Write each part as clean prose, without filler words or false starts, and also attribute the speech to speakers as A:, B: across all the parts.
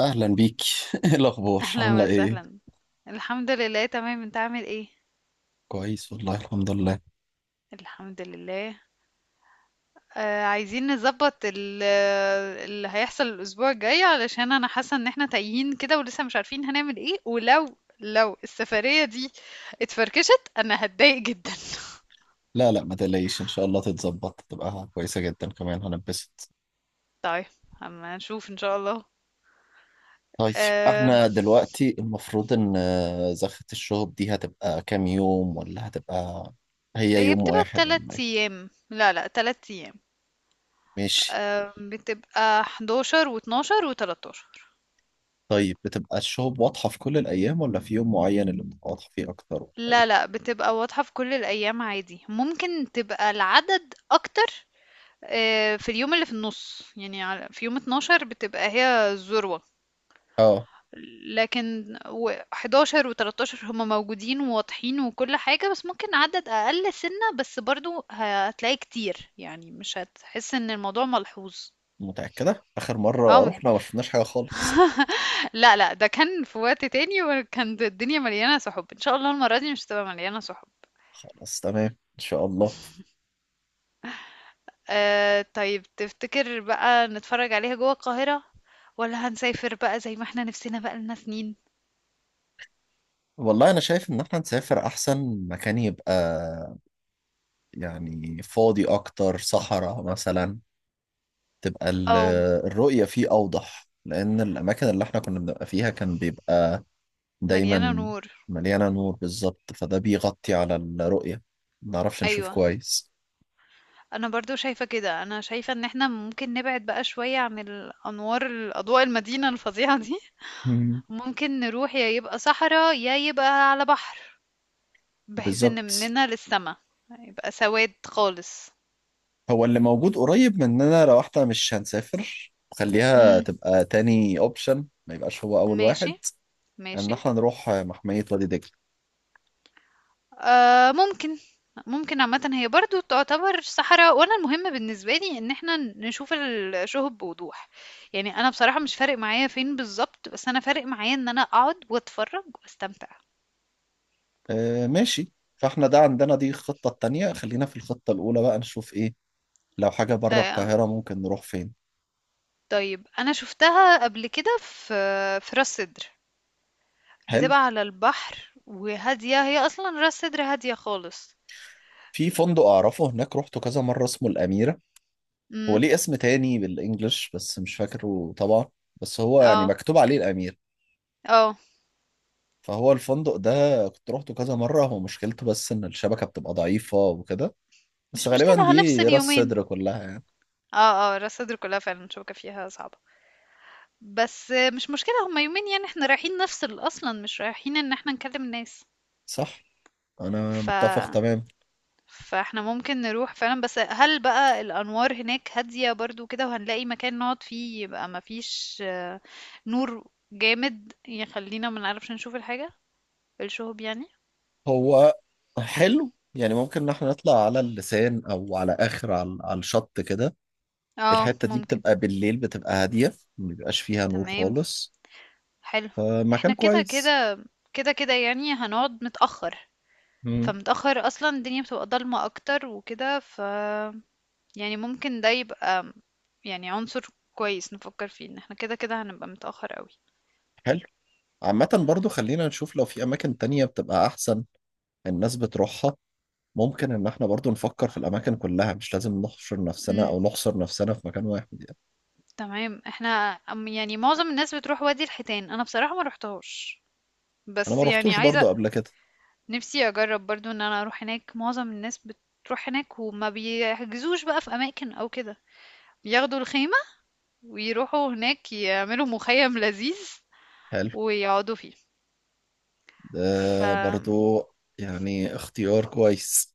A: اهلا بيك. ايه الاخبار، عامله
B: اهلا
A: ايه؟
B: وسهلا. الحمد لله تمام، انت عامل ايه؟
A: كويس والله، الحمد لله.
B: الحمد لله. عايزين نظبط اللي هيحصل الاسبوع الجاي، علشان انا حاسه ان احنا تايهين كده ولسه مش عارفين هنعمل ايه، ولو لو السفريه دي اتفركشت انا هتضايق جدا.
A: لا لا، ما تقلقيش، ان شاء الله تتظبط تبقى كويسه جدا، كمان هنبسط.
B: طيب، اما نشوف ان شاء الله.
A: طيب،
B: آه،
A: احنا دلوقتي المفروض ان زخة الشهب دي هتبقى كام يوم؟ ولا هتبقى هي
B: هي
A: يوم
B: بتبقى
A: واحد ولا
B: تلات
A: ايه؟
B: ايام، لا لا، تلات ايام.
A: ماشي.
B: آه، بتبقى 11 و12 و13.
A: طيب بتبقى الشهب واضحه في كل الايام ولا في يوم معين اللي بتبقى واضحه فيه اكتر ولا
B: لا،
A: ايه؟
B: لأ، بتبقى واضحة في كل الأيام عادي، ممكن تبقى العدد أكتر في اليوم اللي في النُص، يعني على في يوم 12 بتبقى هي الذروة،
A: اه.
B: لكن و11 و13 هُم موجودين وواضحين وكل حاجة، بس ممكن عدد أقل سِنّة، بس برضه هتلاقيه كتير، يعني مش هتحس إن الموضوع ملحوظ.
A: متاكده، اخر
B: آه،
A: مره
B: م
A: رحنا ما شفناش حاجه خالص.
B: لأ، لأ، ده كان في وقت تاني وكانت الدنيا مليانة سُحُب، إن شاء الله المرّة دي مش هتبقى مليانة سُحُب.
A: خلاص تمام، ان شاء الله.
B: آه، طيب تفتكر بقى نتفرج عليها جوه القاهرة ولا هنسافر بقى زي ما احنا نفسنا بقى لنا سنين؟
A: والله انا شايف ان احنا نسافر، احسن مكان يبقى يعني فاضي اكتر، صحراء مثلا. تبقى ال-
B: اه،
A: الرؤية فيه اوضح، لان الاماكن اللي احنا كنا بنبقى فيها كان بيبقى
B: مليانة
A: دايما
B: نور.
A: مليانة نور. بالظبط، فده بيغطي على الرؤية، ما نعرفش نشوف
B: ايوه،
A: كويس.
B: انا برضو شايفة كده، انا شايفة ان احنا ممكن نبعد بقى شوية عن الانوار، الاضواء المدينة الفظيعة دي.
A: مم.
B: ممكن نروح، يا يبقى صحراء يا يبقى على بحر، بحيث ان
A: بالظبط.
B: مننا للسما يبقى سواد خالص.
A: هو اللي موجود قريب مننا، لو احنا مش هنسافر خليها
B: امم.
A: تبقى تاني اوبشن، ما يبقاش هو اول
B: ماشي.
A: واحد، ان
B: ماشي.
A: احنا نروح محمية وادي دجلة.
B: آه، ممكن عامة هي برضو تعتبر صحراء، وانا المهم بالنسبة لي ان احنا نشوف الشهب بوضوح، يعني انا بصراحة مش فارق معايا فين بالظبط، بس انا فارق معايا ان انا اقعد واتفرج واستمتع.
A: آه ماشي. فاحنا ده عندنا دي الخطة التانية، خلينا في الخطة الأولى بقى نشوف إيه. لو حاجة بره
B: آه،
A: القاهرة ممكن نروح فين؟
B: طيب انا شفتها قبل كده في راس سدر،
A: حلو.
B: بتبقى على البحر وهادية، هي اصلا راس سدر هادية خالص.
A: في فندق أعرفه هناك، روحته كذا مرة، اسمه الأميرة. هو
B: امم.
A: ليه اسم تاني بالإنجلش بس مش فاكره طبعا، بس هو يعني
B: اه.
A: مكتوب عليه الأمير.
B: اه،
A: فهو الفندق ده كنت روحته كذا مرة، هو مشكلته بس إن الشبكة بتبقى ضعيفة وكده، بس
B: مش
A: غالبا
B: مشكلة،
A: دي
B: هنفصل
A: راس
B: يومين.
A: صدر كلها يعني.
B: اه، اه، راس سدر كلها فعلا شوكة فيها صعبة، بس مش مشكلة، هما يومين يعني، احنا رايحين نفصل اصلا، مش رايحين ان احنا نكلم الناس.
A: صح، أنا
B: ف
A: متفق تمام.
B: فاحنا ممكن نروح فعلا، بس هل بقى الانوار هناك هادية برضو كده وهنلاقي مكان نقعد فيه يبقى مفيش نور جامد يخلينا ما نعرفش نشوف الحاجة، الشهب يعني.
A: هو حلو يعني، ممكن ان احنا نطلع على اللسان، او على اخر، على الشط كده.
B: اه،
A: الحتة دي
B: ممكن.
A: بتبقى بالليل، بتبقى هادية، ما بيبقاش فيها نور
B: تمام.
A: خالص،
B: حلو.
A: فمكان
B: احنا كده
A: كويس.
B: كده كده كده يعني هنقعد متأخر،
A: مم.
B: فمتأخر اصلا الدنيا بتبقى ضلمة اكتر وكده، يعني ممكن ده يبقى يعني عنصر كويس نفكر فيه، ان احنا كده كده هنبقى متأخر قوي.
A: حلو. عامة برضو خلينا نشوف لو في اماكن تانية بتبقى احسن، الناس بتروحها. ممكن ان احنا برضو نفكر في الاماكن كلها، مش لازم نحشر نفسنا
B: امم.
A: او نحصر نفسنا في مكان واحد يعني.
B: تمام. احنا يعني معظم الناس بتروح وادي الحيتان، انا بصراحة ما روحتهاش،
A: انا ما
B: بس يعني
A: روحتوش
B: عايزة،
A: برضو قبل كده.
B: نفسي اجرب برضو ان انا اروح هناك. معظم الناس بتروح هناك وما بيحجزوش بقى في اماكن او كده، ياخدوا الخيمة ويروحوا هناك يعملوا مخيم لذيذ
A: حلو.
B: ويقعدوا فيه. ف
A: ده برضو يعني اختيار كويس.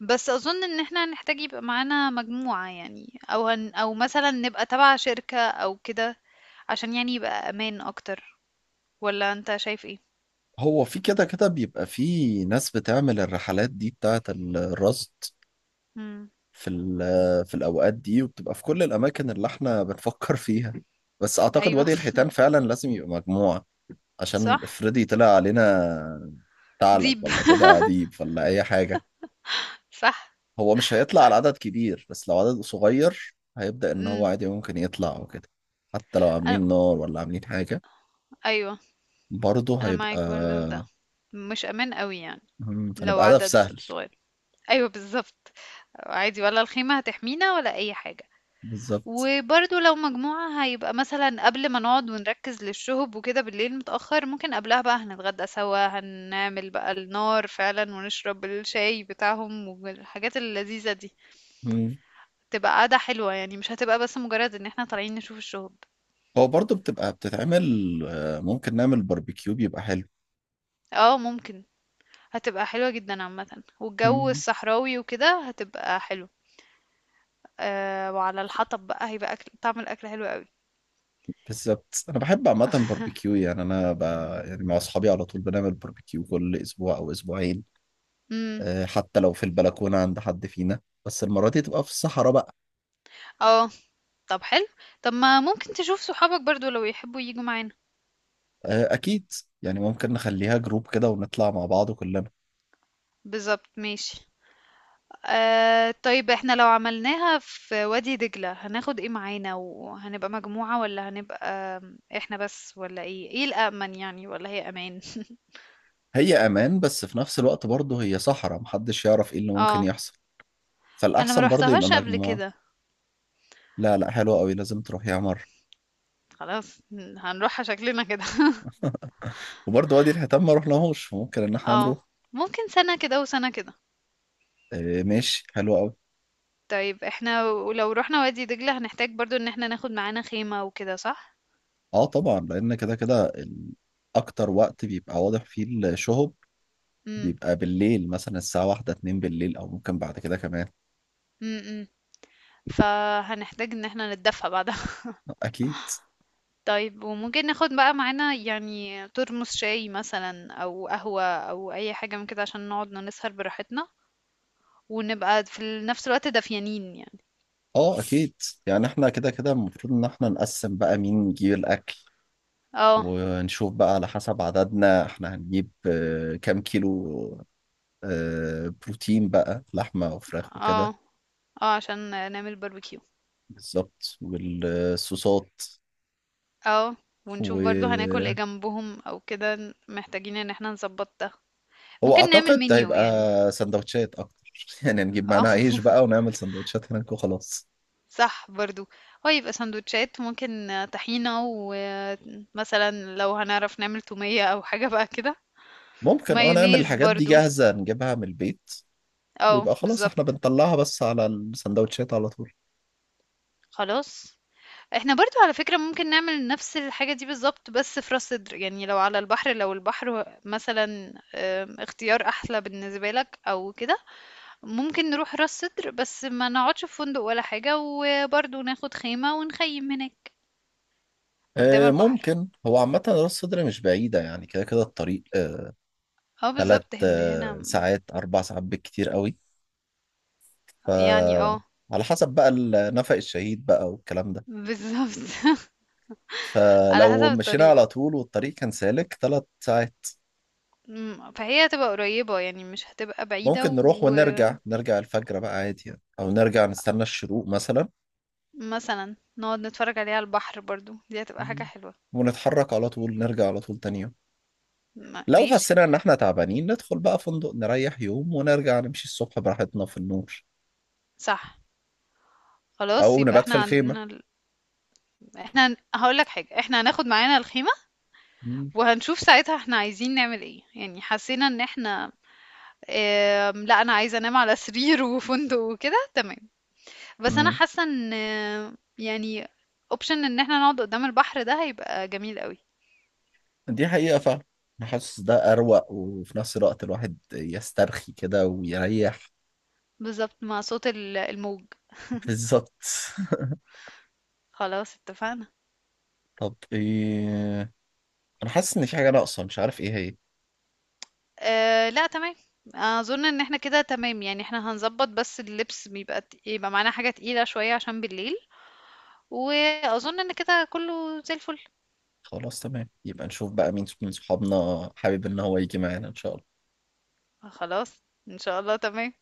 B: بس اظن ان احنا هنحتاج يبقى معانا مجموعة يعني، او هن او مثلا نبقى تبع شركة او كده، عشان يعني يبقى امان اكتر. ولا انت شايف ايه؟
A: هو في كده كده بيبقى في ناس بتعمل الرحلات دي بتاعت الرصد
B: امم.
A: في الأوقات دي، وبتبقى في كل الأماكن اللي احنا بنفكر فيها، بس أعتقد
B: ايوه.
A: وادي الحيتان فعلا لازم يبقى مجموعة، عشان
B: صح.
A: افرضي طلع علينا ثعلب،
B: ديب.
A: ولا طلع عديب، ولا أي حاجة.
B: صح.
A: هو مش هيطلع على عدد كبير، بس لو عدد صغير هيبدأ إن هو
B: امم.
A: عادي ممكن يطلع وكده، حتى لو عاملين
B: أنا...
A: نار ولا عاملين حاجة
B: ايوه،
A: برضه
B: انا
A: هيبقى
B: معاك برضه في ده، مش امان قوي يعني، لو
A: هنبقى هدف
B: عدد
A: سهل.
B: صغير. ايوه بالظبط، عادي ولا الخيمة هتحمينا ولا اي حاجة.
A: بالظبط.
B: وبرضه لو مجموعة هيبقى مثلًا قبل ما نقعد ونركّز للشُّهب وكده بالليل متأخّر، ممكن قبلها بقى هنتغدّى سوا، هنعمل بقى النار فعلًا ونشرب الشاي بتاعهم والحاجات اللذيذة دي،
A: مم.
B: تبقى قعدة حلوة يعني، مش هتبقى بس مجرّد إن إحنا طالعين نشوف الشُّهب.
A: هو برضه بتبقى بتتعمل. ممكن نعمل باربيكيو، بيبقى حلو.
B: آه ممكن، هتبقى حلوة جدًا عامةً، والجو
A: مم.
B: الصحراوي وكده هتبقى حلو. وعلى الحطب بقى هيبقى أكل، طعم الأكل حلو أوي.
A: بالظبط، انا بحب عامه باربيكيو، يعني انا. يعني مع اصحابي على طول بنعمل باربيكيو كل اسبوع او اسبوعين.
B: إمم.
A: حتى لو في البلكونه عند حد فينا، بس المره دي تبقى في الصحراء بقى.
B: آه. طب حلو، طب ما ممكن تشوف صحابك برضه لو يحبّوا ييجوا معانا.
A: اكيد. يعني ممكن نخليها جروب كده ونطلع مع بعض كلنا.
B: بالضبط، ماشي. آه، طيب احنا لو عملناها في وادي دجلة هناخد ايه معانا، وهنبقى مجموعة ولا هنبقى احنا بس، ولا ايه، ايه الأأمن يعني، ولا هي أمان؟
A: هي امان، بس في نفس الوقت برضه هي صحراء، محدش يعرف ايه اللي ممكن
B: اه،
A: يحصل،
B: انا ما
A: فالاحسن برضه يبقى
B: روحتهاش قبل
A: مجموعه.
B: كده.
A: لا لا، حلوه قوي، لازم تروح يا مره.
B: خلاص، هنروحها شكلنا كده.
A: وبرضه وادي الحيتان ما رحناهوش، ممكن ان احنا
B: اه
A: نروح.
B: ممكن، سنة كده وسنة كده.
A: ماشي، حلو قوي.
B: طيب، احنا ولو رحنا وادي دجلة هنحتاج برضو ان احنا ناخد معانا خيمة وكده، صح؟
A: اه طبعا، لان كده كده اكتر وقت بيبقى واضح فيه الشهب
B: امم.
A: بيبقى بالليل، مثلا الساعة واحدة اتنين بالليل، او ممكن بعد كده كمان.
B: امم. فهنحتاج ان احنا نتدفى بعد.
A: اكيد.
B: طيب، وممكن ناخد بقى معانا يعني ترمس شاي مثلا او قهوة او اي حاجة من كده، عشان نقعد نسهر براحتنا، ونبقى في نفس الوقت دافيانين يعني.
A: اه اكيد. يعني احنا كده كده المفروض ان احنا نقسم بقى مين يجيب الاكل،
B: اه.
A: ونشوف بقى على حسب عددنا احنا هنجيب كام كيلو بروتين بقى، لحمة وفراخ
B: اه،
A: وكده.
B: اه عشان نعمل باربيكيو.
A: بالظبط، والصوصات.
B: اه، ونشوف برضو هناكل ايه جنبهم او كده، محتاجين ان احنا نظبط ده،
A: هو
B: ممكن نعمل
A: اعتقد
B: منيو
A: هيبقى
B: يعني.
A: سندوتشات اكتر، يعني نجيب
B: اه.
A: معانا عيش بقى ونعمل سندوتشات هناك وخلاص.
B: صح برضو، هو يبقى سندوتشات ممكن، طحينة، ومثلا لو هنعرف نعمل تومية او حاجة بقى كده،
A: ممكن، اه، نعمل
B: مايونيز
A: الحاجات دي
B: برضو.
A: جاهزة نجيبها من البيت،
B: اه
A: ويبقى خلاص احنا
B: بالظبط.
A: بنطلعها بس على السندوتشات على طول.
B: خلاص، إحنا برضه على فكرة ممكن نعمل نفس الحاجة دي بالضبط بس في راس سدر، يعني لو على البحر، لو البحر مثلًا، اختيار أحلى بالنسبة لك أو كده، ممكن نروح راس سدر بس ما نقعدش في فندق ولا حاجة، وبرضه ناخد خيمة ونخيم هناك قدام البحر.
A: ممكن. هو عامة راس صدر مش بعيدة يعني، كده كده الطريق
B: آه
A: تلات
B: بالضبط، هي من هنا
A: ساعات، أربع ساعات بالكتير قوي.
B: يعني
A: ف على حسب بقى ال- نفق الشهيد بقى والكلام ده،
B: بالضبط. على حسب
A: فلو مشينا
B: الطريق.
A: على طول والطريق كان سالك تلات ساعات.
B: إمم، فهي هتبقى قريبة يعني مش هتبقى بعيدة،
A: ممكن نروح ونرجع، نرجع الفجر بقى عادي يعني، او نرجع نستنى الشروق مثلا،
B: ومثلًا نقعد نتفرج عليها على البحر برضه، دي هتبقى حاجة حلوة.
A: ونتحرك على طول، نرجع على طول تاني يوم. لو
B: ماشي.
A: حسينا ان احنا تعبانين، ندخل بقى فندق نريح يوم ونرجع نمشي الصبح براحتنا في النور،
B: صح. خلاص،
A: او
B: يبقى
A: نبات في
B: احنا
A: الخيمة.
B: عندنا احنا هقولك حاجة، احنا هناخد معانا الخيمة
A: مم.
B: وهنشوف ساعتها احنا عايزين نعمل ايه، يعني حسينا ان احنا لا، انا عايزة انام على سرير وفندق وكده تمام، بس انا
A: مم.
B: حاسة ان يعني اوبشن ان احنا نقعد قدام البحر ده هيبقى جميل قوي.
A: دي حقيقة فعلا. انا حاسس ده اروق، وفي نفس الوقت الواحد يسترخي كده ويريح.
B: بالظبط، مع صوت الموج.
A: بالظبط.
B: خلاص اتفقنا.
A: طب ايه، انا حاسس ان في حاجة ناقصة مش عارف ايه.
B: اه لا، تمام. اظن ان احنا كده تمام يعني، احنا هنظبط، بس اللبس بيبقى يبقى معانا حاجة تقيلة شوية عشان بالليل، واظن ان كده كله زي الفل.
A: خلاص تمام، يبقى نشوف بقى مين من صحابنا حابب ان هو يجي معانا ان شاء الله.
B: خلاص ان شاء الله تمام.